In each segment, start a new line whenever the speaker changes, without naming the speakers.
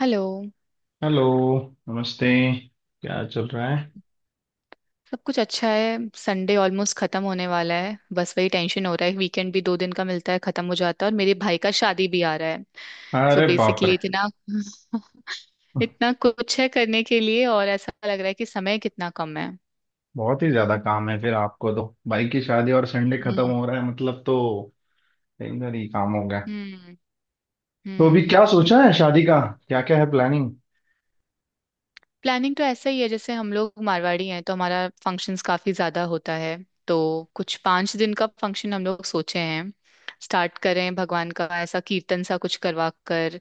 Hello.
Hello, नमस्ते। क्या चल रहा है?
सब कुछ अच्छा है। संडे ऑलमोस्ट खत्म होने वाला है, बस वही टेंशन हो रहा है। वीकेंड भी 2 दिन का मिलता है, खत्म हो जाता है। और मेरे भाई का शादी भी आ रहा है। सो
अरे बाप रे!
बेसिकली इतना इतना कुछ है करने के लिए और ऐसा लग रहा है कि समय कितना कम है।
बहुत ही ज्यादा काम है, फिर आपको तो भाई की शादी और संडे खत्म
हम्म।
हो रहा है, मतलब तो दिन भर ही काम हो गया।
हम्म।
तो अभी क्या
हम्म।
सोचा है शादी का, क्या क्या है प्लानिंग?
प्लानिंग तो ऐसा ही है, जैसे हम लोग मारवाड़ी हैं तो हमारा फंक्शंस काफी ज्यादा होता है। तो कुछ 5 दिन का फंक्शन हम लोग सोचे हैं। स्टार्ट करें भगवान का ऐसा कीर्तन सा कुछ करवा कर,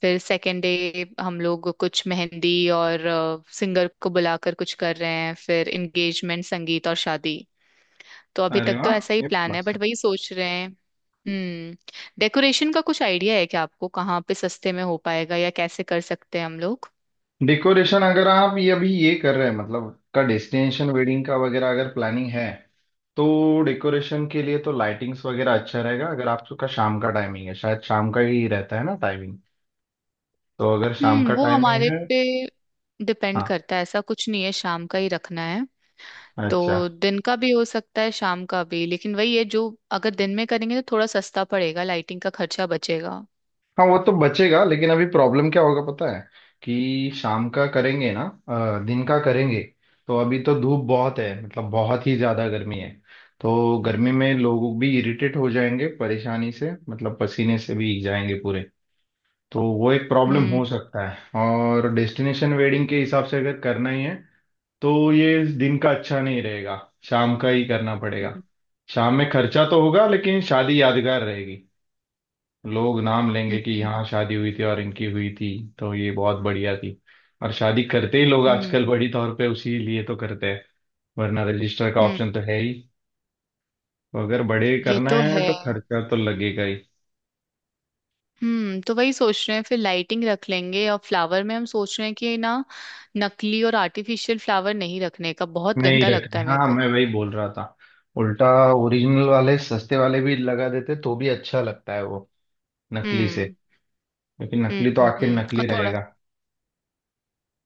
फिर सेकेंड डे हम लोग कुछ मेहंदी और सिंगर को बुलाकर कुछ कर रहे हैं, फिर एंगेजमेंट, संगीत और शादी। तो अभी
अरे
तक तो
वाह,
ऐसा ही
ये तो
प्लान है
मस्त
बट
है।
वही सोच रहे हैं। हम्म। डेकोरेशन का कुछ आइडिया है क्या आपको? कहाँ पे सस्ते में हो पाएगा या कैसे कर सकते हैं हम लोग?
डेकोरेशन अगर आप ये अभी ये कर रहे हैं, मतलब का डेस्टिनेशन वेडिंग का वगैरह अगर प्लानिंग है, तो डेकोरेशन के लिए तो लाइटिंग्स वगैरह अच्छा रहेगा। अगर आपका शाम का टाइमिंग है, शायद शाम का ही रहता है ना टाइमिंग, तो अगर शाम
हम्म,
का
वो
टाइमिंग
हमारे
है।
पे डिपेंड
हाँ।
करता है, ऐसा कुछ नहीं है शाम का ही रखना है। तो
अच्छा।
दिन का भी हो सकता है, शाम का भी, लेकिन वही है जो अगर दिन में करेंगे तो थोड़ा सस्ता पड़ेगा, लाइटिंग का खर्चा बचेगा।
हाँ वो तो बचेगा, लेकिन अभी प्रॉब्लम क्या होगा पता है कि शाम का करेंगे ना, दिन का करेंगे, तो अभी तो धूप बहुत है, मतलब बहुत ही ज्यादा गर्मी है। तो गर्मी में लोग भी इरिटेट हो जाएंगे, परेशानी से मतलब पसीने से भीग जाएंगे पूरे। तो वो एक प्रॉब्लम हो
हम्म।
सकता है, और डेस्टिनेशन वेडिंग के हिसाब से अगर करना ही है तो ये दिन का अच्छा नहीं रहेगा, शाम का ही करना पड़ेगा।
हम्म।
शाम में खर्चा तो होगा लेकिन शादी यादगार रहेगी। लोग नाम लेंगे कि
हम्म।
यहाँ शादी हुई थी और इनकी हुई थी तो ये बहुत बढ़िया थी। और शादी करते ही लोग आजकल
हम्म।
बड़ी तौर पे उसी लिए तो करते हैं, वरना रजिस्टर का ऑप्शन तो
हम्म।
है ही। तो अगर बड़े
ये
करना
तो
है
है।
तो खर्चा तो लगेगा ही।
हम्म, तो वही सोच रहे हैं, फिर लाइटिंग रख लेंगे। और फ्लावर में हम सोच रहे हैं कि ना, नकली और आर्टिफिशियल फ्लावर नहीं रखने का, बहुत
नहीं
गंदा लगता
रखने,
है मेरे
हाँ
को।
मैं वही बोल रहा था, उल्टा। ओरिजिनल वाले सस्ते वाले भी लगा देते तो भी अच्छा लगता है वो नकली से।
हम्म।
क्योंकि नकली तो आखिर
हम्म। और
नकली
थोड़ा
रहेगा।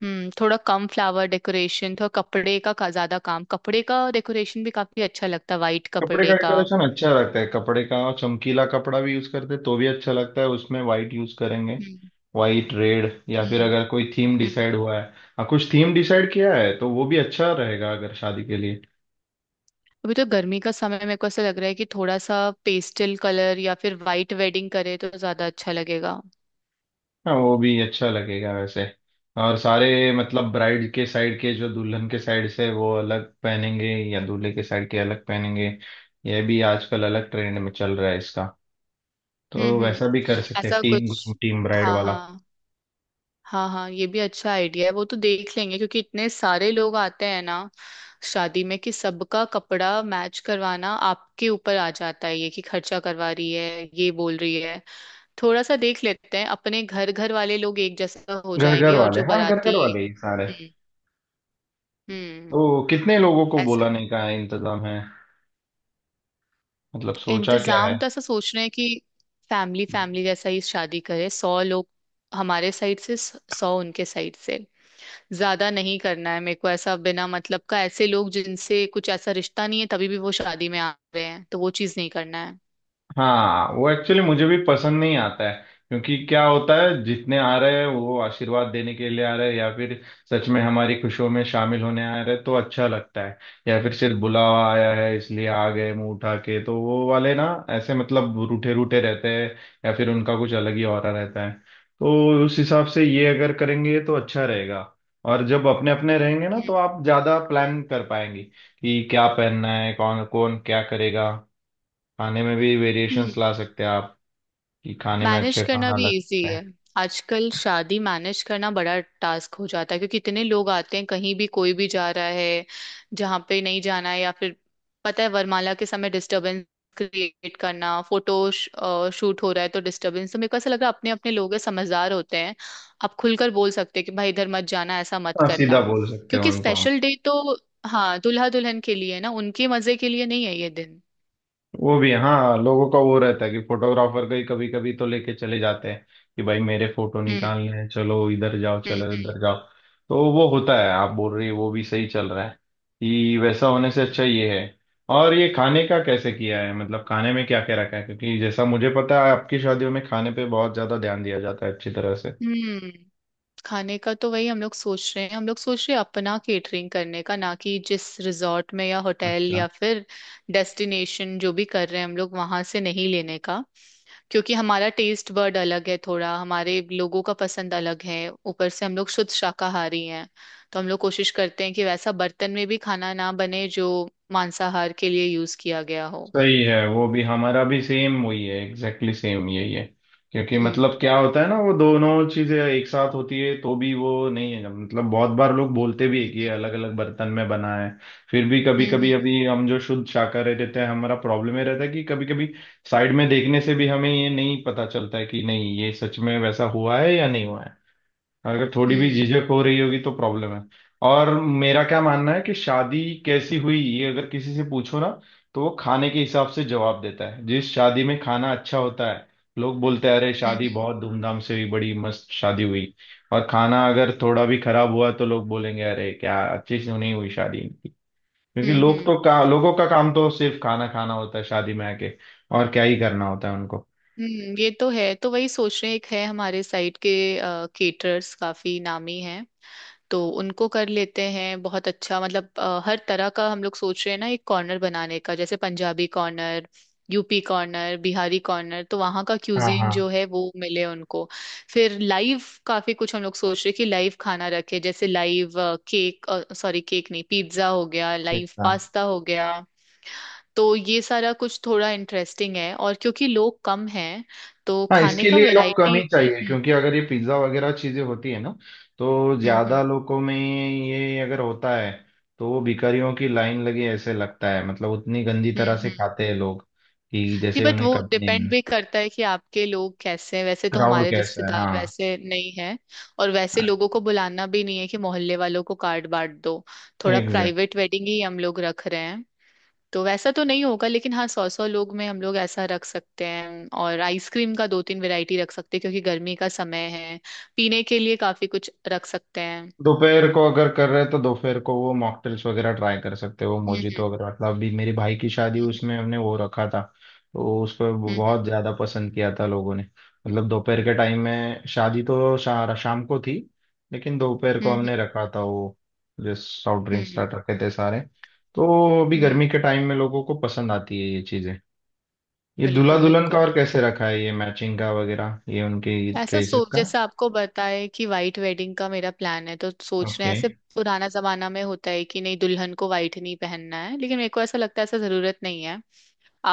हम्म, थोड़ा कम फ्लावर डेकोरेशन, थोड़ा कपड़े का ज्यादा काम, कपड़े का डेकोरेशन भी काफी अच्छा लगता है, वाइट
कपड़े
कपड़े
का
का।
डेकोरेशन अच्छा लगता है, कपड़े का, और चमकीला कपड़ा भी यूज करते हैं, तो भी अच्छा लगता है। उसमें वाइट यूज करेंगे,
हम्म।
वाइट रेड, या फिर
हम्म।
अगर कोई थीम डिसाइड
हम्म।
हुआ है। हाँ कुछ थीम डिसाइड किया है तो वो भी अच्छा रहेगा अगर शादी के लिए।
अभी तो गर्मी का समय, मेरे को ऐसा लग रहा है कि थोड़ा सा पेस्टल कलर या फिर वाइट वेडिंग करे तो ज्यादा अच्छा लगेगा।
हाँ वो भी अच्छा लगेगा वैसे। और सारे मतलब ब्राइड के साइड के, जो दुल्हन के साइड से, वो अलग पहनेंगे या दूल्हे के साइड के अलग पहनेंगे, ये भी आजकल अलग ट्रेंड में चल रहा है इसका।
हम्म।
तो
हम्म।
वैसा भी कर सकते हैं,
ऐसा
टीम
कुछ।
टीम ब्राइड
हाँ
वाला।
हाँ। हाँ हाँ, ये भी अच्छा आइडिया है, वो तो देख लेंगे। क्योंकि इतने सारे लोग आते हैं ना शादी में, कि सबका कपड़ा मैच करवाना आपके ऊपर आ जाता है, ये कि खर्चा करवा रही है, ये बोल रही है। थोड़ा सा देख लेते हैं, अपने घर घर वाले लोग एक जैसा हो
घर घर
जाएंगे, और
वाले,
जो
हाँ घर
बाराती।
घर वाले ही सारे।
हम्म। हम्म।
ओ कितने लोगों को बोला
ऐसा।
नहीं का है, इंतजाम है, मतलब सोचा क्या है?
इंतजाम तो ऐसा सोच रहे हैं कि फैमिली फैमिली जैसा ही शादी करे, 100 लोग हमारे साइड से, 100 उनके साइड से। ज्यादा नहीं करना है मेरे को, ऐसा बिना मतलब का ऐसे लोग जिनसे कुछ ऐसा रिश्ता नहीं है तभी भी वो शादी में आ रहे हैं, तो वो चीज नहीं करना है।
हाँ वो एक्चुअली मुझे भी पसंद नहीं आता है। क्योंकि क्या होता है, जितने आ रहे हैं वो आशीर्वाद देने के लिए आ रहे हैं या फिर सच में हमारी खुशियों में शामिल होने आ रहे हैं तो अच्छा लगता है। या फिर सिर्फ बुलावा आया है इसलिए आ गए मुंह उठा के, तो वो वाले ना ऐसे मतलब रूठे रूठे रहते हैं, या फिर उनका कुछ अलग ही ऑरा रहता है। तो उस हिसाब से ये अगर करेंगे तो अच्छा रहेगा। और जब अपने अपने रहेंगे ना तो आप ज्यादा प्लान कर पाएंगे कि क्या पहनना है, कौन कौन क्या करेगा। खाने में भी
हम्म।
वेरिएशंस ला सकते हैं आप, कि खाने में
मैनेज
अच्छे
करना
खाना
भी
लग
इजी
सकते
है।
हैं।
आजकल शादी मैनेज करना बड़ा टास्क हो जाता है क्योंकि इतने लोग आते हैं, कहीं भी कोई भी जा रहा है, जहाँ पे नहीं जाना है, या फिर पता है वरमाला के समय डिस्टरबेंस क्रिएट करना, फोटो शूट हो रहा है तो डिस्टरबेंस। तो मेरे को ऐसा लग रहा है अपने अपने लोग हैं, समझदार होते हैं, आप खुलकर बोल सकते हैं कि भाई इधर मत जाना, ऐसा मत
हाँ सीधा
करना।
बोल सकते हैं
क्योंकि
उनको हम।
स्पेशल डे तो हाँ दुल्हा दुल्हन के लिए है ना, उनके मजे के लिए नहीं है ये दिन।
वो भी, हाँ, लोगों का वो रहता है कि फोटोग्राफर का ही कभी कभी तो लेके चले जाते हैं कि भाई मेरे फोटो
हम्म।
निकालने हैं, चलो इधर जाओ, चलो इधर
हम्म।
जाओ। तो वो होता है, आप बोल रही है वो भी सही चल रहा है कि वैसा होने से अच्छा ये है। और ये खाने का कैसे किया है, मतलब खाने में क्या क्या रखा है, क्योंकि जैसा मुझे पता है आपकी शादियों में खाने पे बहुत ज्यादा ध्यान दिया जाता है अच्छी तरह से।
हम्म। हम्म। खाने का तो वही हम लोग सोच रहे हैं, हम लोग सोच रहे हैं अपना केटरिंग करने का ना, कि जिस रिजॉर्ट में या होटल
अच्छा।
या फिर डेस्टिनेशन जो भी कर रहे हैं हम लोग, वहां से नहीं लेने का। क्योंकि हमारा टेस्ट बर्ड अलग है थोड़ा, हमारे लोगों का पसंद अलग है। ऊपर से हम लोग शुद्ध शाकाहारी हैं, तो हम लोग कोशिश करते हैं कि वैसा बर्तन में भी खाना ना बने जो मांसाहार के लिए यूज किया गया हो।
सही है, वो भी हमारा भी सेम वही है, एग्जैक्टली सेम यही है। क्योंकि
हम्म।
मतलब क्या होता है ना, वो दोनों चीजें एक साथ होती है तो भी वो नहीं है, मतलब बहुत बार लोग बोलते भी है कि ये अलग अलग बर्तन में बना है, फिर भी कभी
हम्म।
कभी।
हम्म।
अभी हम जो शुद्ध शाकाहारी रहते हैं, हमारा प्रॉब्लम ये रहता है कि कभी कभी साइड में देखने से भी हमें ये नहीं पता चलता है कि नहीं, ये सच में वैसा हुआ है या नहीं हुआ है। अगर थोड़ी भी
हम्म।
झिझक हो रही होगी तो प्रॉब्लम है। और मेरा क्या मानना है कि शादी कैसी हुई ये अगर किसी से पूछो ना तो वो खाने के हिसाब से जवाब देता है। जिस शादी में खाना अच्छा होता है, लोग बोलते हैं अरे
हम्म।
शादी
हम्म।
बहुत धूमधाम से हुई, बड़ी मस्त शादी हुई। और खाना अगर थोड़ा भी खराब हुआ तो लोग बोलेंगे अरे क्या अच्छी से नहीं हुई शादी इनकी। क्योंकि
हम्म।
लोग
हम्म।
तो का लोगों का काम तो सिर्फ खाना खाना होता है शादी में आके। और क्या ही करना होता है उनको।
हम्म। ये तो है, तो वही सोच रहे हैं। एक है हमारे साइड के केटरर्स काफी नामी हैं, तो उनको कर लेते हैं, बहुत अच्छा। मतलब हर तरह का हम लोग सोच रहे हैं ना, एक कॉर्नर बनाने का, जैसे Punjabi corner, UP corner, Bihari corner, तो वहाँ का
हाँ
क्यूजीन
हाँ।
जो है वो मिले उनको। फिर लाइव, काफी कुछ हम लोग सोच रहे हैं कि लाइव खाना रखे, जैसे लाइव केक, सॉरी केक नहीं, पिज्जा हो गया,
ठीक
लाइव
था।
पास्ता हो गया। तो ये सारा कुछ थोड़ा इंटरेस्टिंग है, और क्योंकि लोग कम हैं तो
हाँ
खाने
इसके
का
लिए लोग कम
वैरायटी।
ही चाहिए,
हम्म।
क्योंकि अगर ये पिज्ज़ा वगैरह चीज़ें होती है ना, तो
हम्म। हम्म।
ज़्यादा लोगों में ये अगर होता है तो वो भिखारियों की लाइन लगी ऐसे लगता है, मतलब उतनी गंदी तरह
हम्म।
से
हम्म।
खाते हैं लोग कि
नहीं
जैसे
बट
उन्हें
वो
कभी नहीं
डिपेंड
मिला।
भी करता है कि आपके लोग कैसे हैं, वैसे तो
क्राउड
हमारे
कैसा है,
रिश्तेदार
हाँ।
वैसे नहीं हैं। और वैसे लोगों को बुलाना भी नहीं है कि मोहल्ले वालों को कार्ड बांट दो, थोड़ा
एग्जैक्ट।
प्राइवेट वेडिंग ही हम लोग रख रहे हैं। तो वैसा तो नहीं होगा, लेकिन हाँ, सौ सौ लोग में हम लोग ऐसा रख सकते हैं, और आइसक्रीम का दो तीन वैरायटी रख सकते हैं क्योंकि गर्मी का समय है। पीने के लिए काफी कुछ रख सकते हैं।
दोपहर को अगर कर रहे हैं तो दोपहर को वो मॉकटेल्स वगैरह ट्राई कर सकते हो, मोजितो।
हम्म।
अगर मतलब अभी मेरे भाई की शादी हुई, उसमें
हम्म।
हमने वो रखा था, तो उसको
हम्म।
बहुत ज्यादा पसंद किया था लोगों ने। मतलब दोपहर के टाइम में, शादी तो शाम को थी लेकिन दोपहर को
हम्म। हम्म।
हमने रखा था वो, जो सॉफ्ट
हम्म।
ड्रिंक्स
हम्म।
रखे थे सारे। तो अभी
हम्म।
गर्मी के टाइम में लोगों को पसंद आती है ये चीजें। ये दूल्हा
बिल्कुल
दुल्हन का
बिल्कुल।
और कैसे रखा है, ये मैचिंग का वगैरह, ये उनकी
ऐसा
ड्रेसेस
सोच,
का?
जैसे आपको बताए कि वाइट वेडिंग का मेरा प्लान है, तो सोच रहे हैं
ओके।
ऐसे। पुराना जमाना में होता है कि नहीं दुल्हन को वाइट नहीं पहनना है, लेकिन मेरे को ऐसा लगता है ऐसा जरूरत नहीं है।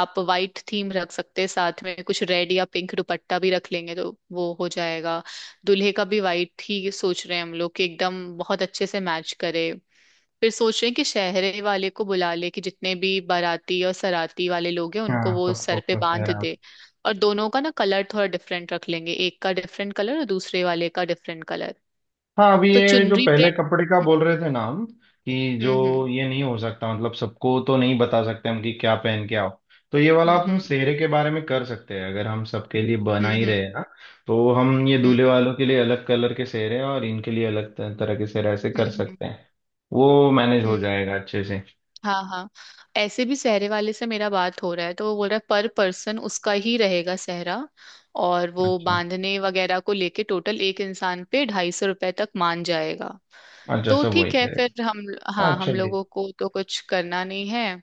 आप वाइट थीम रख सकते हैं, साथ में कुछ रेड या पिंक दुपट्टा भी रख लेंगे तो वो हो जाएगा। दूल्हे का भी वाइट ही सोच रहे हैं हम लोग, कि एकदम बहुत अच्छे से मैच करे। फिर सोच रहे हैं कि शहरे वाले को बुला ले, कि जितने भी बाराती और सराती वाले लोग हैं उनको
हाँ
वो
सबको
सर पे
खुश है।
बांध दे। और दोनों का ना कलर थोड़ा डिफरेंट रख लेंगे, एक का डिफरेंट कलर और दूसरे वाले का डिफरेंट कलर।
हाँ अभी
तो
ये जो
चुनरी
पहले
प्रिंट।
कपड़े का बोल रहे थे ना हम, कि जो
हम्म। हम्म।
ये नहीं हो सकता, मतलब सबको तो नहीं बता सकते हम कि क्या पहन के आओ, तो ये वाला हम
हम्म।
सेहरे के बारे में कर सकते हैं। अगर हम सबके लिए बना
हम्म।
ही
हम्म।
रहे हैं ना, तो हम ये दूल्हे
हम्म।
वालों के लिए अलग कलर के सेहरे और इनके लिए अलग तरह के सेहरे, ऐसे
हम्म।
कर
हम्म। हम्म। हम्म।
सकते हैं। वो मैनेज
हम्म।
हो
हम्म।
जाएगा अच्छे से।
हाँ हाँ। ऐसे भी सहरे वाले से मेरा बात हो रहा है, तो वो बोल रहा है पर पर्सन उसका ही रहेगा सहरा, और वो
अच्छा।
बांधने वगैरह को लेके टोटल एक इंसान पे ₹250 तक मान जाएगा।
अच्छा
तो
सब वही
ठीक है फिर
करेगा।
हम,
हाँ
हाँ हम
चलिए।
लोगों को तो कुछ करना नहीं है।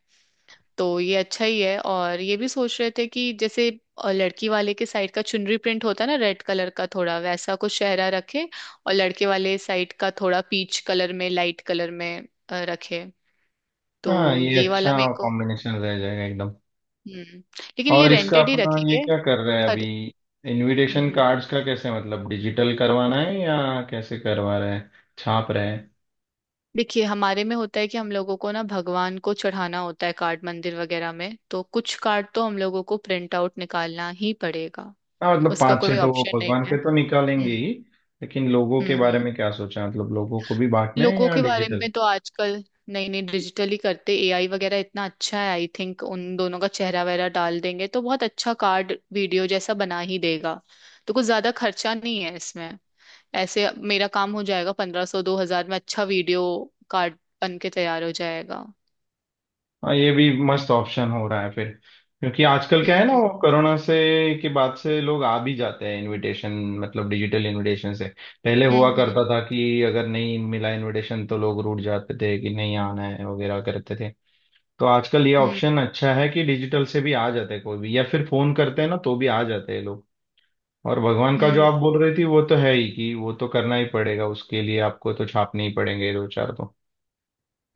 तो ये अच्छा ही है। और ये भी सोच रहे थे कि जैसे लड़की वाले के साइड का चुनरी प्रिंट होता है ना रेड कलर का, थोड़ा वैसा कुछ शहरा रखे, और लड़के वाले साइड का थोड़ा पीच कलर में, लाइट कलर में रखे।
हाँ
तो
ये
ये वाला
अच्छा
मेरे को
कॉम्बिनेशन रह जाएगा एकदम।
हम्म। लेकिन ये
और इसका
रेंटेड ही
अपना ये
रखेंगे।
क्या कर रहे हैं अभी,
खर हम्म।
इनविटेशन
हम्म।
कार्ड्स का कैसे, मतलब डिजिटल करवाना है या कैसे करवा रहे हैं, छाप रहे हैं?
देखिए हमारे में होता है कि हम लोगों को ना भगवान को चढ़ाना होता है कार्ड मंदिर वगैरह में, तो कुछ कार्ड तो हम लोगों को प्रिंट आउट निकालना ही पड़ेगा,
हाँ मतलब
उसका
पांच
कोई
छह तो वो
ऑप्शन नहीं
भगवान
है।
के तो निकालेंगे
हम्म।
ही। लेकिन लोगों के
हम्म। हम्म।
बारे में क्या सोचा, मतलब लोगों को भी बांटने हैं
लोगों
या
के बारे
डिजिटल?
में तो आजकल, नहीं नहीं, डिजिटली करते। एआई वगैरह इतना अच्छा है, आई थिंक उन दोनों का चेहरा वगैरह डाल देंगे तो बहुत अच्छा कार्ड वीडियो जैसा बना ही देगा। तो कुछ ज्यादा खर्चा नहीं है इसमें। ऐसे मेरा काम हो जाएगा 1500 2,000 में, अच्छा वीडियो कार्ड बन के तैयार हो जाएगा।
हाँ ये भी मस्त ऑप्शन हो रहा है फिर। क्योंकि आजकल क्या
हम्म।
है ना,
हम्म।
वो कोरोना से के बाद से लोग आ भी जाते हैं इनविटेशन, मतलब डिजिटल इनविटेशन से। पहले हुआ
हम्म।
करता
हम्म।
था कि अगर नहीं मिला इनविटेशन तो लोग रूठ जाते थे, कि नहीं आना है वगैरह करते थे। तो आजकल ये
हम्म।
ऑप्शन अच्छा है कि डिजिटल से भी आ जाते हैं कोई भी, या फिर फोन करते हैं ना तो भी आ जाते हैं लोग। और भगवान का जो
हम्म।
आप बोल रही थी वो तो है ही, कि वो तो करना ही पड़ेगा, उसके लिए आपको तो छापने ही पड़ेंगे दो चार तो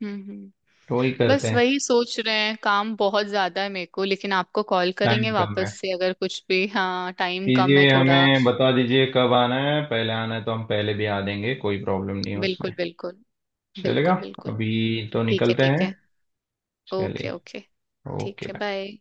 हम्म। हम्म।
तो वही करते
बस
हैं।
वही सोच रहे हैं, काम बहुत ज्यादा है मेरे को, लेकिन आपको कॉल
टाइम
करेंगे
कम
वापस
है,
से अगर कुछ भी। हाँ टाइम कम है
कीजिए,
थोड़ा।
हमें बता दीजिए कब आना है, पहले आना है तो हम पहले भी आ देंगे, कोई प्रॉब्लम नहीं है
बिल्कुल
उसमें।
बिल्कुल।
चलेगा।
बिल्कुल बिल्कुल।
अभी तो
ठीक है
निकलते
ठीक
हैं।
है। ओके
चलिए।
ओके। ठीक
ओके
है,
बाय।
बाय।